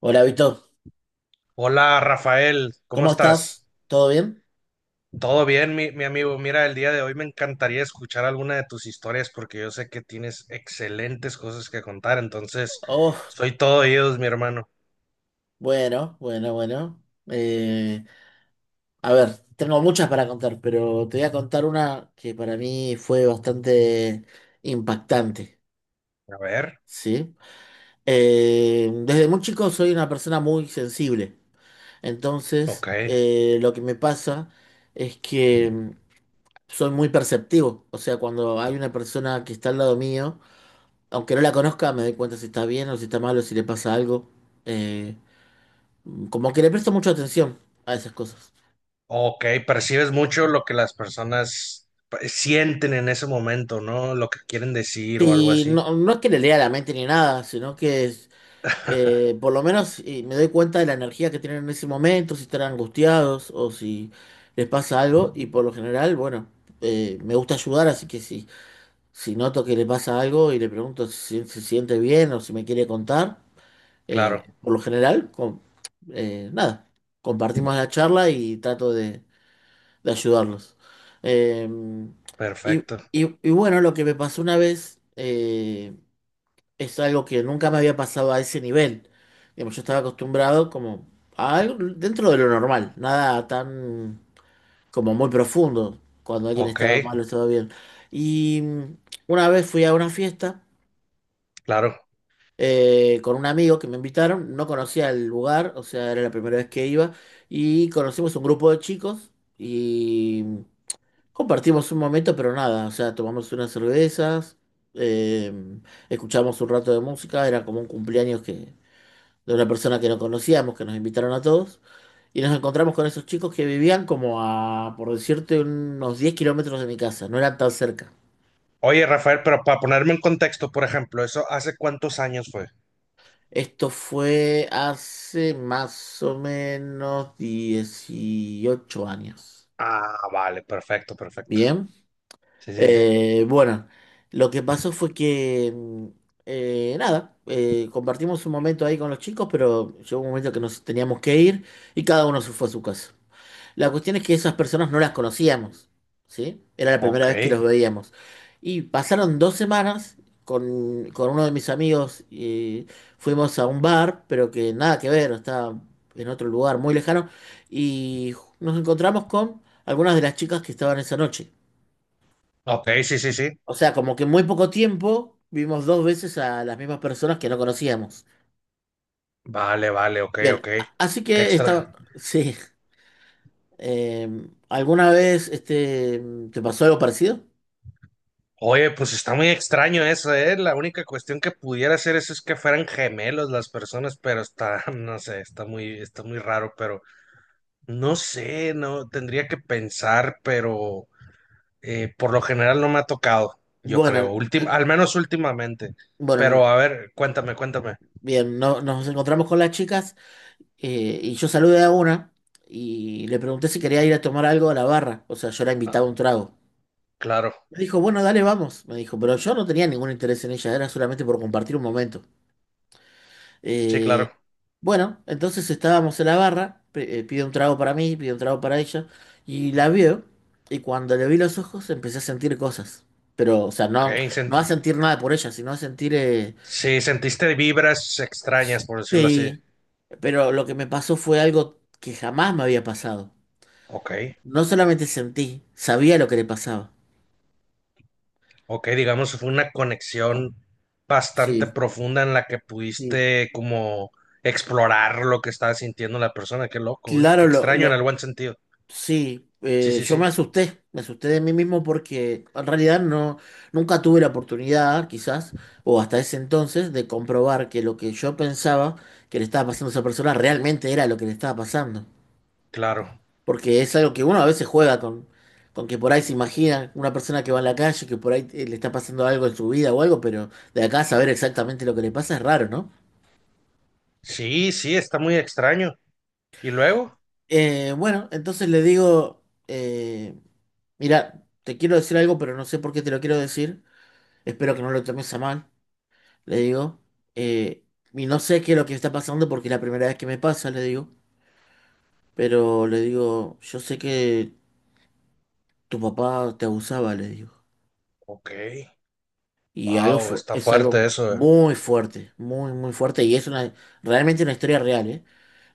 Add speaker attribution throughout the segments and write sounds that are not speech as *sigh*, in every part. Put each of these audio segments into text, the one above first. Speaker 1: Hola, Vito.
Speaker 2: Hola Rafael, ¿cómo
Speaker 1: ¿Cómo estás?
Speaker 2: estás?
Speaker 1: ¿Todo bien?
Speaker 2: ¿Todo bien, mi amigo? Mira, el día de hoy me encantaría escuchar alguna de tus historias porque yo sé que tienes excelentes cosas que contar, entonces
Speaker 1: Oh,
Speaker 2: soy todo oídos, mi hermano.
Speaker 1: bueno, bueno, bueno. Eh, a ver, tengo muchas para contar, pero te voy a contar una que para mí fue bastante impactante,
Speaker 2: A ver.
Speaker 1: ¿sí? Desde muy chico soy una persona muy sensible.
Speaker 2: Ok,
Speaker 1: Entonces, lo que me pasa es que soy muy perceptivo. O sea, cuando hay una persona que está al lado mío, aunque no la conozca, me doy cuenta si está bien o si está mal o si le pasa algo. Eh, Como que le presto mucha atención a esas cosas.
Speaker 2: ok, percibes mucho lo que las personas pues, sienten en ese momento, ¿no? Lo que quieren decir o algo
Speaker 1: Sí,
Speaker 2: así.
Speaker 1: no, no es que le lea la mente ni nada, sino que es, por lo menos me doy cuenta de la energía que tienen en ese momento, si están angustiados o si les pasa algo. Y por lo general, bueno, me gusta ayudar, así que si noto que le pasa algo y le pregunto si se siente bien o si me quiere contar,
Speaker 2: Claro,
Speaker 1: por lo general, nada, compartimos la charla y trato de ayudarlos. Eh, y,
Speaker 2: perfecto.
Speaker 1: y bueno, lo que me pasó una vez es algo que nunca me había pasado a ese nivel. Digamos, yo estaba acostumbrado como a algo dentro de lo normal, nada tan como muy profundo, cuando alguien
Speaker 2: Ok,
Speaker 1: estaba mal o estaba bien. Y una vez fui a una fiesta
Speaker 2: claro.
Speaker 1: con un amigo que me invitaron, no conocía el lugar, o sea, era la primera vez que iba, y conocimos un grupo de chicos. Y compartimos un momento, pero nada, o sea, tomamos unas cervezas, eh, escuchamos un rato de música, era como un cumpleaños que, de una persona que no conocíamos, que nos invitaron a todos, y nos encontramos con esos chicos que vivían como a, por decirte, unos 10 kilómetros de mi casa, no eran tan cerca.
Speaker 2: Oye, Rafael, pero para ponerme en contexto, por ejemplo, ¿eso hace cuántos años fue?
Speaker 1: Esto fue hace más o menos 18 años.
Speaker 2: Ah, vale, perfecto, perfecto.
Speaker 1: Bien.
Speaker 2: Sí, sí, sí.
Speaker 1: Bueno, lo que pasó fue que, nada, compartimos un momento ahí con los chicos, pero llegó un momento que nos teníamos que ir y cada uno se fue a su casa. La cuestión es que esas personas no las conocíamos, ¿sí? Era la primera
Speaker 2: Ok,
Speaker 1: vez que los veíamos. Y pasaron 2 semanas con uno de mis amigos y fuimos a un bar, pero que nada que ver, estaba en otro lugar muy lejano, y nos encontramos con algunas de las chicas que estaban esa noche.
Speaker 2: ok, sí, sí, sí.
Speaker 1: O sea, como que en muy poco tiempo vimos 2 veces a las mismas personas que no conocíamos.
Speaker 2: Vale, vale, ok,
Speaker 1: Bien,
Speaker 2: ok.
Speaker 1: así
Speaker 2: Qué
Speaker 1: que
Speaker 2: extra.
Speaker 1: estaba. *laughs* Sí. Eh, ¿Alguna vez te pasó algo parecido?
Speaker 2: Oye, pues está muy extraño eso, ¿eh? La única cuestión que pudiera hacer eso es que fueran gemelos las personas, pero está, *laughs* no sé, está muy raro, pero no sé, no, tendría que pensar, pero por lo general no me ha tocado, yo
Speaker 1: Bueno,
Speaker 2: creo,
Speaker 1: l-
Speaker 2: al menos últimamente. Pero a
Speaker 1: bueno,
Speaker 2: ver, cuéntame, cuéntame.
Speaker 1: bien, nos encontramos con las chicas y yo saludé a una y le pregunté si quería ir a tomar algo a la barra. O sea, yo la
Speaker 2: Ah,
Speaker 1: invitaba a un trago.
Speaker 2: claro,
Speaker 1: Me dijo, bueno, dale, vamos. Me dijo, pero yo no tenía ningún interés en ella, era solamente por compartir un momento.
Speaker 2: sí, claro.
Speaker 1: Eh, bueno, entonces estábamos en la barra, pide un trago para mí, pide un trago para ella, y la veo, y cuando le vi los ojos empecé a sentir cosas. Pero, o sea,
Speaker 2: Ok,
Speaker 1: no,
Speaker 2: sen-
Speaker 1: no a sentir nada por ella, sino a sentir,
Speaker 2: sí, sentiste vibras extrañas, por decirlo así.
Speaker 1: sí, pero lo que me pasó fue algo que jamás me había pasado.
Speaker 2: Ok,
Speaker 1: No solamente sentí, sabía lo que le pasaba.
Speaker 2: ok, digamos fue una conexión bastante
Speaker 1: Sí,
Speaker 2: profunda en la que
Speaker 1: sí.
Speaker 2: pudiste como explorar lo que estaba sintiendo la persona. Qué loco, güey, qué
Speaker 1: Claro,
Speaker 2: extraño en el buen sentido.
Speaker 1: sí,
Speaker 2: Sí, sí,
Speaker 1: yo
Speaker 2: sí,
Speaker 1: me asusté de mí mismo porque en realidad no, nunca tuve la oportunidad, quizás, o hasta ese entonces, de comprobar que lo que yo pensaba que le estaba pasando a esa persona realmente era lo que le estaba pasando.
Speaker 2: claro.
Speaker 1: Porque es algo que uno a veces juega con que por ahí se imagina una persona que va en la calle, que por ahí le está pasando algo en su vida o algo, pero de acá a saber exactamente lo que le pasa es raro, ¿no?
Speaker 2: Sí, sí, está muy extraño. ¿Y luego?
Speaker 1: Bueno, entonces le digo, mira, te quiero decir algo, pero no sé por qué te lo quiero decir. Espero que no lo tomes a mal, le digo. Eh, y no sé qué es lo que está pasando porque es la primera vez que me pasa, le digo. Pero le digo, yo sé que tu papá te abusaba, le digo.
Speaker 2: Ok,
Speaker 1: Y
Speaker 2: wow, está
Speaker 1: es algo
Speaker 2: fuerte eso.
Speaker 1: muy fuerte, muy, muy fuerte. Y es realmente una historia real, ¿eh?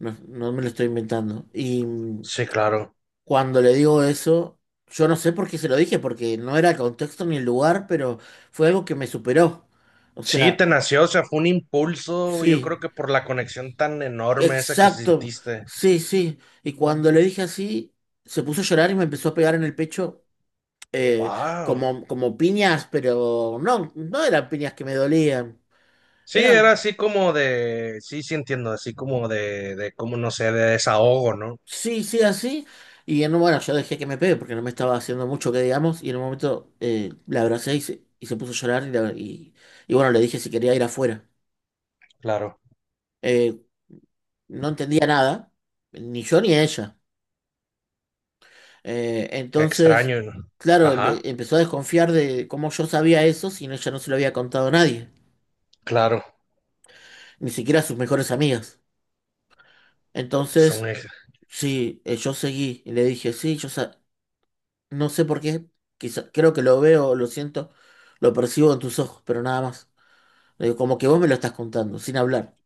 Speaker 1: No, no me lo estoy inventando. Y
Speaker 2: Sí, claro.
Speaker 1: cuando le digo eso, yo no sé por qué se lo dije, porque no era el contexto ni el lugar, pero fue algo que me superó. O
Speaker 2: Sí,
Speaker 1: sea,
Speaker 2: te nació, o sea, fue un impulso, yo creo
Speaker 1: sí,
Speaker 2: que por la conexión tan enorme esa que
Speaker 1: exacto,
Speaker 2: sentiste.
Speaker 1: sí, sí. Y cuando le dije así, se puso a llorar y me empezó a pegar en el pecho eh,
Speaker 2: Wow.
Speaker 1: como piñas, pero no, no eran piñas que me dolían.
Speaker 2: Sí, era
Speaker 1: Eran,
Speaker 2: así como de, sí, sí entiendo, así como de como no sé, de desahogo, ¿no?
Speaker 1: sí, sí, así. Bueno, yo dejé que me pegue porque no me estaba haciendo mucho que digamos. Y en un momento la abracé y se puso a llorar. Y bueno, le dije si quería ir afuera.
Speaker 2: Claro,
Speaker 1: Eh, no entendía nada, ni yo ni ella.
Speaker 2: qué
Speaker 1: Entonces,
Speaker 2: extraño, ¿no?
Speaker 1: claro,
Speaker 2: Ajá,
Speaker 1: empezó a desconfiar de cómo yo sabía eso si ella no se lo había contado a nadie,
Speaker 2: claro,
Speaker 1: ni siquiera a sus mejores amigas.
Speaker 2: está
Speaker 1: Entonces,
Speaker 2: muy.
Speaker 1: sí, yo seguí y le dije, sí, no sé por qué, quizá, creo que lo veo, lo siento, lo percibo en tus ojos, pero nada más. Le digo, como que vos me lo estás contando, sin hablar.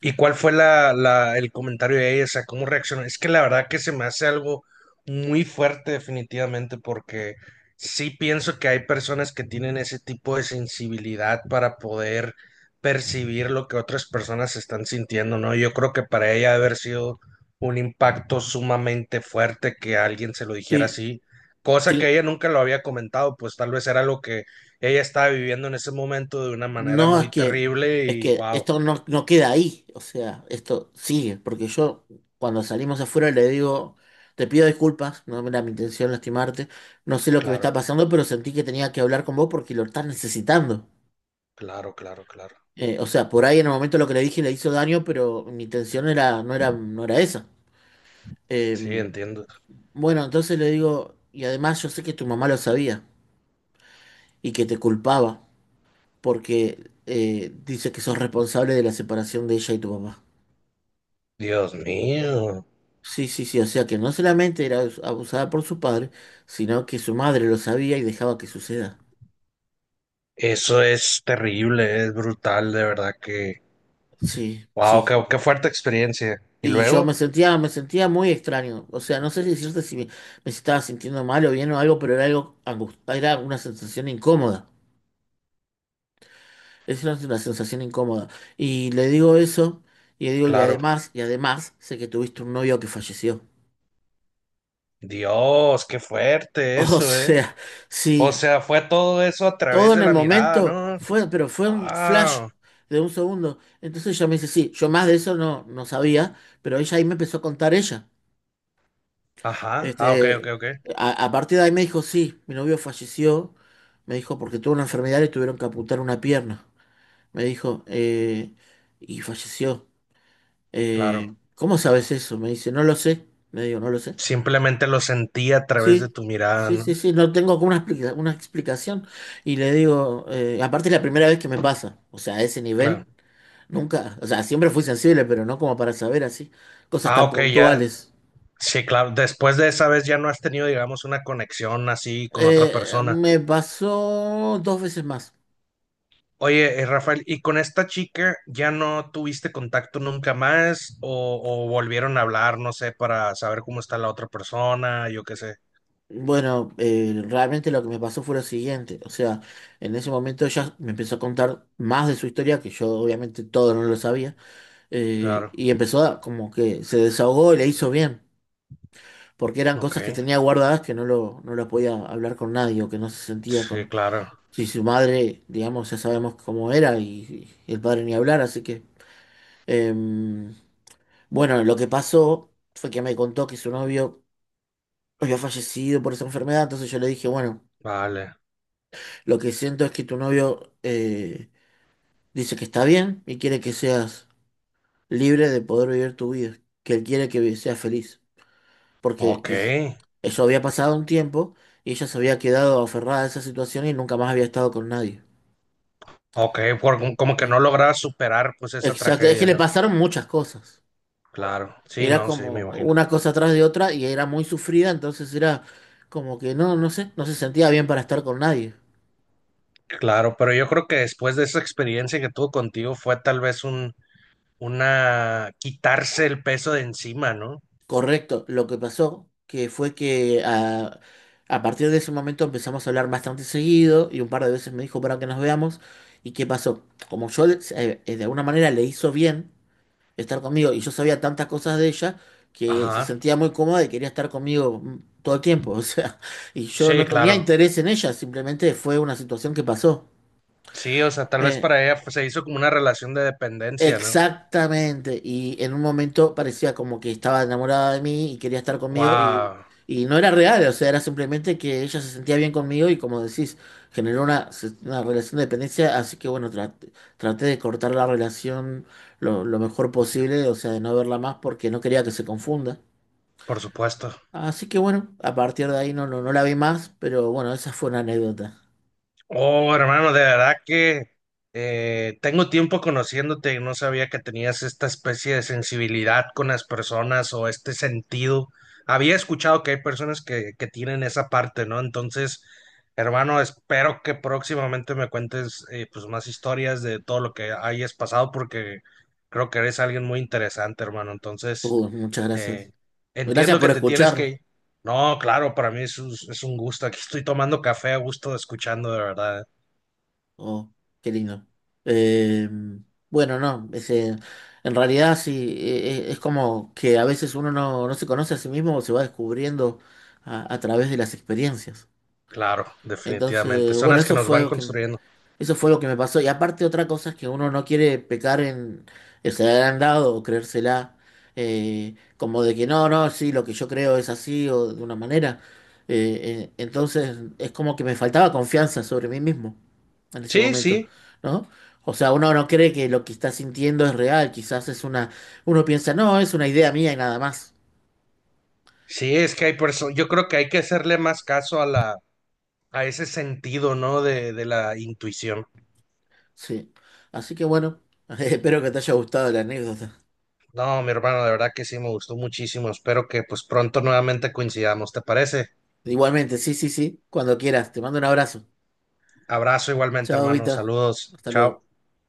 Speaker 2: ¿Y cuál fue el comentario de ella? O sea, ¿cómo reaccionó? Es que la verdad que se me hace algo muy fuerte definitivamente porque sí pienso que hay personas que tienen ese tipo de sensibilidad para poder percibir lo que otras personas están sintiendo, ¿no? Yo creo que para ella debe haber sido un impacto sumamente fuerte que alguien se lo dijera
Speaker 1: Sí,
Speaker 2: así, cosa que
Speaker 1: sí.
Speaker 2: ella nunca lo había comentado, pues tal vez era lo que ella estaba viviendo en ese momento de una manera
Speaker 1: No, es
Speaker 2: muy
Speaker 1: que,
Speaker 2: terrible
Speaker 1: es
Speaker 2: y
Speaker 1: que
Speaker 2: wow,
Speaker 1: esto no queda ahí, o sea, esto sigue, porque yo cuando salimos afuera le digo, te pido disculpas, no era mi intención lastimarte, no sé lo que me está
Speaker 2: claro.
Speaker 1: pasando, pero sentí que tenía que hablar con vos porque lo estás necesitando.
Speaker 2: Claro, claro, claro.
Speaker 1: O sea, por ahí en el momento lo que le dije le hizo daño, pero mi intención era, no era esa. Eh,
Speaker 2: Sí, entiendo.
Speaker 1: bueno, entonces le digo, y además yo sé que tu mamá lo sabía y que te culpaba, porque dice que sos responsable de la separación de ella y tu papá.
Speaker 2: Dios mío,
Speaker 1: Sí, sí, sí, o sea que no solamente era abusada por su padre, sino que su madre lo sabía y dejaba que suceda.
Speaker 2: eso es terrible, es brutal, de verdad que...
Speaker 1: Sí,
Speaker 2: Wow,
Speaker 1: sí.
Speaker 2: qué, qué fuerte experiencia. Y
Speaker 1: Y yo
Speaker 2: luego,
Speaker 1: me sentía muy extraño. O sea, no sé si decirte si me estaba sintiendo mal o bien o algo, pero era era una sensación incómoda. Es una sensación incómoda. Y le digo eso, y le digo,
Speaker 2: claro,
Speaker 1: y además, sé que tuviste un novio que falleció. *laughs*
Speaker 2: Dios, qué fuerte
Speaker 1: O
Speaker 2: eso, ¿eh?
Speaker 1: sea,
Speaker 2: O
Speaker 1: sí,
Speaker 2: sea, fue todo eso a través
Speaker 1: todo
Speaker 2: de
Speaker 1: en el
Speaker 2: la mirada,
Speaker 1: momento
Speaker 2: ¿no?
Speaker 1: fue, pero fue un flash
Speaker 2: Wow.
Speaker 1: de un segundo. Entonces ella me dice, sí, yo más de eso no, no sabía, pero ella ahí me empezó a contar ella.
Speaker 2: Ajá, ah, ok, ok,
Speaker 1: Este,
Speaker 2: ok,
Speaker 1: a partir de ahí me dijo, sí, mi novio falleció, me dijo, porque tuvo una enfermedad y tuvieron que amputar una pierna. Me dijo, y falleció.
Speaker 2: claro.
Speaker 1: ¿Cómo sabes eso? Me dice, no lo sé. Me digo, no lo sé.
Speaker 2: Simplemente lo sentí a través de
Speaker 1: Sí,
Speaker 2: tu mirada,
Speaker 1: sí,
Speaker 2: ¿no?
Speaker 1: sí, sí, no tengo como una, una explicación. Y le digo, aparte es la primera vez que me pasa, o sea, a ese
Speaker 2: Claro.
Speaker 1: nivel. Nunca, o sea, siempre fui sensible, pero no como para saber así, cosas
Speaker 2: Ah,
Speaker 1: tan
Speaker 2: ok, ya.
Speaker 1: puntuales.
Speaker 2: Sí, claro. Después de esa vez ya no has tenido, digamos, una conexión así con otra persona.
Speaker 1: Me pasó 2 veces más.
Speaker 2: Oye, Rafael, ¿y con esta chica ya no tuviste contacto nunca más o volvieron a hablar, no sé, para saber cómo está la otra persona, yo qué sé?
Speaker 1: Bueno, realmente lo que me pasó fue lo siguiente, o sea, en ese momento ella me empezó a contar más de su historia, que yo obviamente todo no lo sabía,
Speaker 2: Claro,
Speaker 1: y empezó a, como que se desahogó y le hizo bien, porque eran
Speaker 2: ok,
Speaker 1: cosas que tenía guardadas que no lo podía hablar con nadie o que no se sentía
Speaker 2: sí,
Speaker 1: con.
Speaker 2: claro,
Speaker 1: Si su madre, digamos, ya sabemos cómo era y el padre ni hablar, así que. Em, bueno, lo que pasó fue que me contó que su novio había fallecido por esa enfermedad, entonces yo le dije, bueno,
Speaker 2: vale,
Speaker 1: lo que siento es que tu novio dice que está bien y quiere que seas libre de poder vivir tu vida, que él quiere que seas feliz, porque
Speaker 2: ok,
Speaker 1: que eso había pasado un tiempo y ella se había quedado aferrada a esa situación y nunca más había estado con nadie.
Speaker 2: ok, por- como que
Speaker 1: ¿Sí?
Speaker 2: no lograba superar pues esa
Speaker 1: Exacto, es que
Speaker 2: tragedia,
Speaker 1: le
Speaker 2: ¿no?
Speaker 1: pasaron muchas cosas.
Speaker 2: Claro, sí,
Speaker 1: Era
Speaker 2: no, sí,
Speaker 1: como
Speaker 2: me imagino.
Speaker 1: una cosa atrás de otra y era muy sufrida, entonces era como que no, no sé, no se sentía bien para estar con nadie.
Speaker 2: Claro, pero yo creo que después de esa experiencia que tuvo contigo fue tal vez una, quitarse el peso de encima, ¿no?
Speaker 1: Correcto, lo que pasó que fue que a partir de ese momento empezamos a hablar bastante seguido y un par de veces me dijo para que nos veamos. ¿Y qué pasó? Como yo de alguna manera le hizo bien estar conmigo y yo sabía tantas cosas de ella que se
Speaker 2: Ajá,
Speaker 1: sentía muy cómoda y quería estar conmigo todo el tiempo, *laughs* o sea, y yo
Speaker 2: sí,
Speaker 1: no tenía
Speaker 2: claro.
Speaker 1: interés en ella, simplemente fue una situación que pasó.
Speaker 2: Sí, o sea, tal vez
Speaker 1: Eh,
Speaker 2: para ella pues, se hizo como una relación de dependencia, ¿no?
Speaker 1: Exactamente, y en un momento parecía como que estaba enamorada de mí y quería estar conmigo
Speaker 2: Wow,
Speaker 1: y no era real, o sea, era simplemente que ella se sentía bien conmigo y como decís, generó una, una relación de dependencia, así que bueno, traté de cortar la relación lo mejor posible, o sea, de no verla más porque no quería que se confunda.
Speaker 2: por supuesto.
Speaker 1: Así que bueno, a partir de ahí no, no, no la vi más, pero bueno, esa fue una anécdota.
Speaker 2: Oh, hermano, de verdad que tengo tiempo conociéndote y no sabía que tenías esta especie de sensibilidad con las personas o este sentido. Había escuchado que hay personas que tienen esa parte, ¿no? Entonces, hermano, espero que próximamente me cuentes pues más historias de todo lo que hayas pasado porque creo que eres alguien muy interesante, hermano. Entonces,
Speaker 1: Muchas
Speaker 2: eh,
Speaker 1: gracias. Gracias
Speaker 2: entiendo
Speaker 1: por
Speaker 2: que te tienes
Speaker 1: escuchar.
Speaker 2: que... No, claro, para mí es es un gusto. Aquí estoy tomando café a gusto, escuchando de verdad.
Speaker 1: Oh, qué lindo. Eh, bueno, no, en realidad sí, es como que a veces uno no se conoce a sí mismo o se va descubriendo a través de las experiencias.
Speaker 2: Claro, definitivamente.
Speaker 1: Entonces,
Speaker 2: Son
Speaker 1: bueno,
Speaker 2: las que nos van construyendo.
Speaker 1: eso fue lo que me pasó. Y aparte otra cosa es que uno no quiere pecar en ser agrandado o creérsela, como de que no, no, sí, lo que yo creo es así o de una manera. Eh, entonces es como que me faltaba confianza sobre mí mismo en ese
Speaker 2: Sí, sí,
Speaker 1: momento, ¿no? O sea, uno no cree que lo que está sintiendo es real, quizás es una, uno piensa, no, es una idea mía y nada más.
Speaker 2: sí, es que hay personas, yo creo que hay que hacerle más caso a a ese sentido, ¿no? De la intuición.
Speaker 1: Sí. Así que bueno, *laughs* espero que te haya gustado la anécdota.
Speaker 2: No, mi hermano, de verdad que sí, me gustó muchísimo. Espero que pues pronto nuevamente coincidamos, ¿te parece?
Speaker 1: Igualmente, sí, sí, sí, cuando quieras, te mando un abrazo.
Speaker 2: Abrazo igualmente,
Speaker 1: Chao,
Speaker 2: hermano.
Speaker 1: Vita.
Speaker 2: Saludos.
Speaker 1: Hasta
Speaker 2: Chao.
Speaker 1: luego.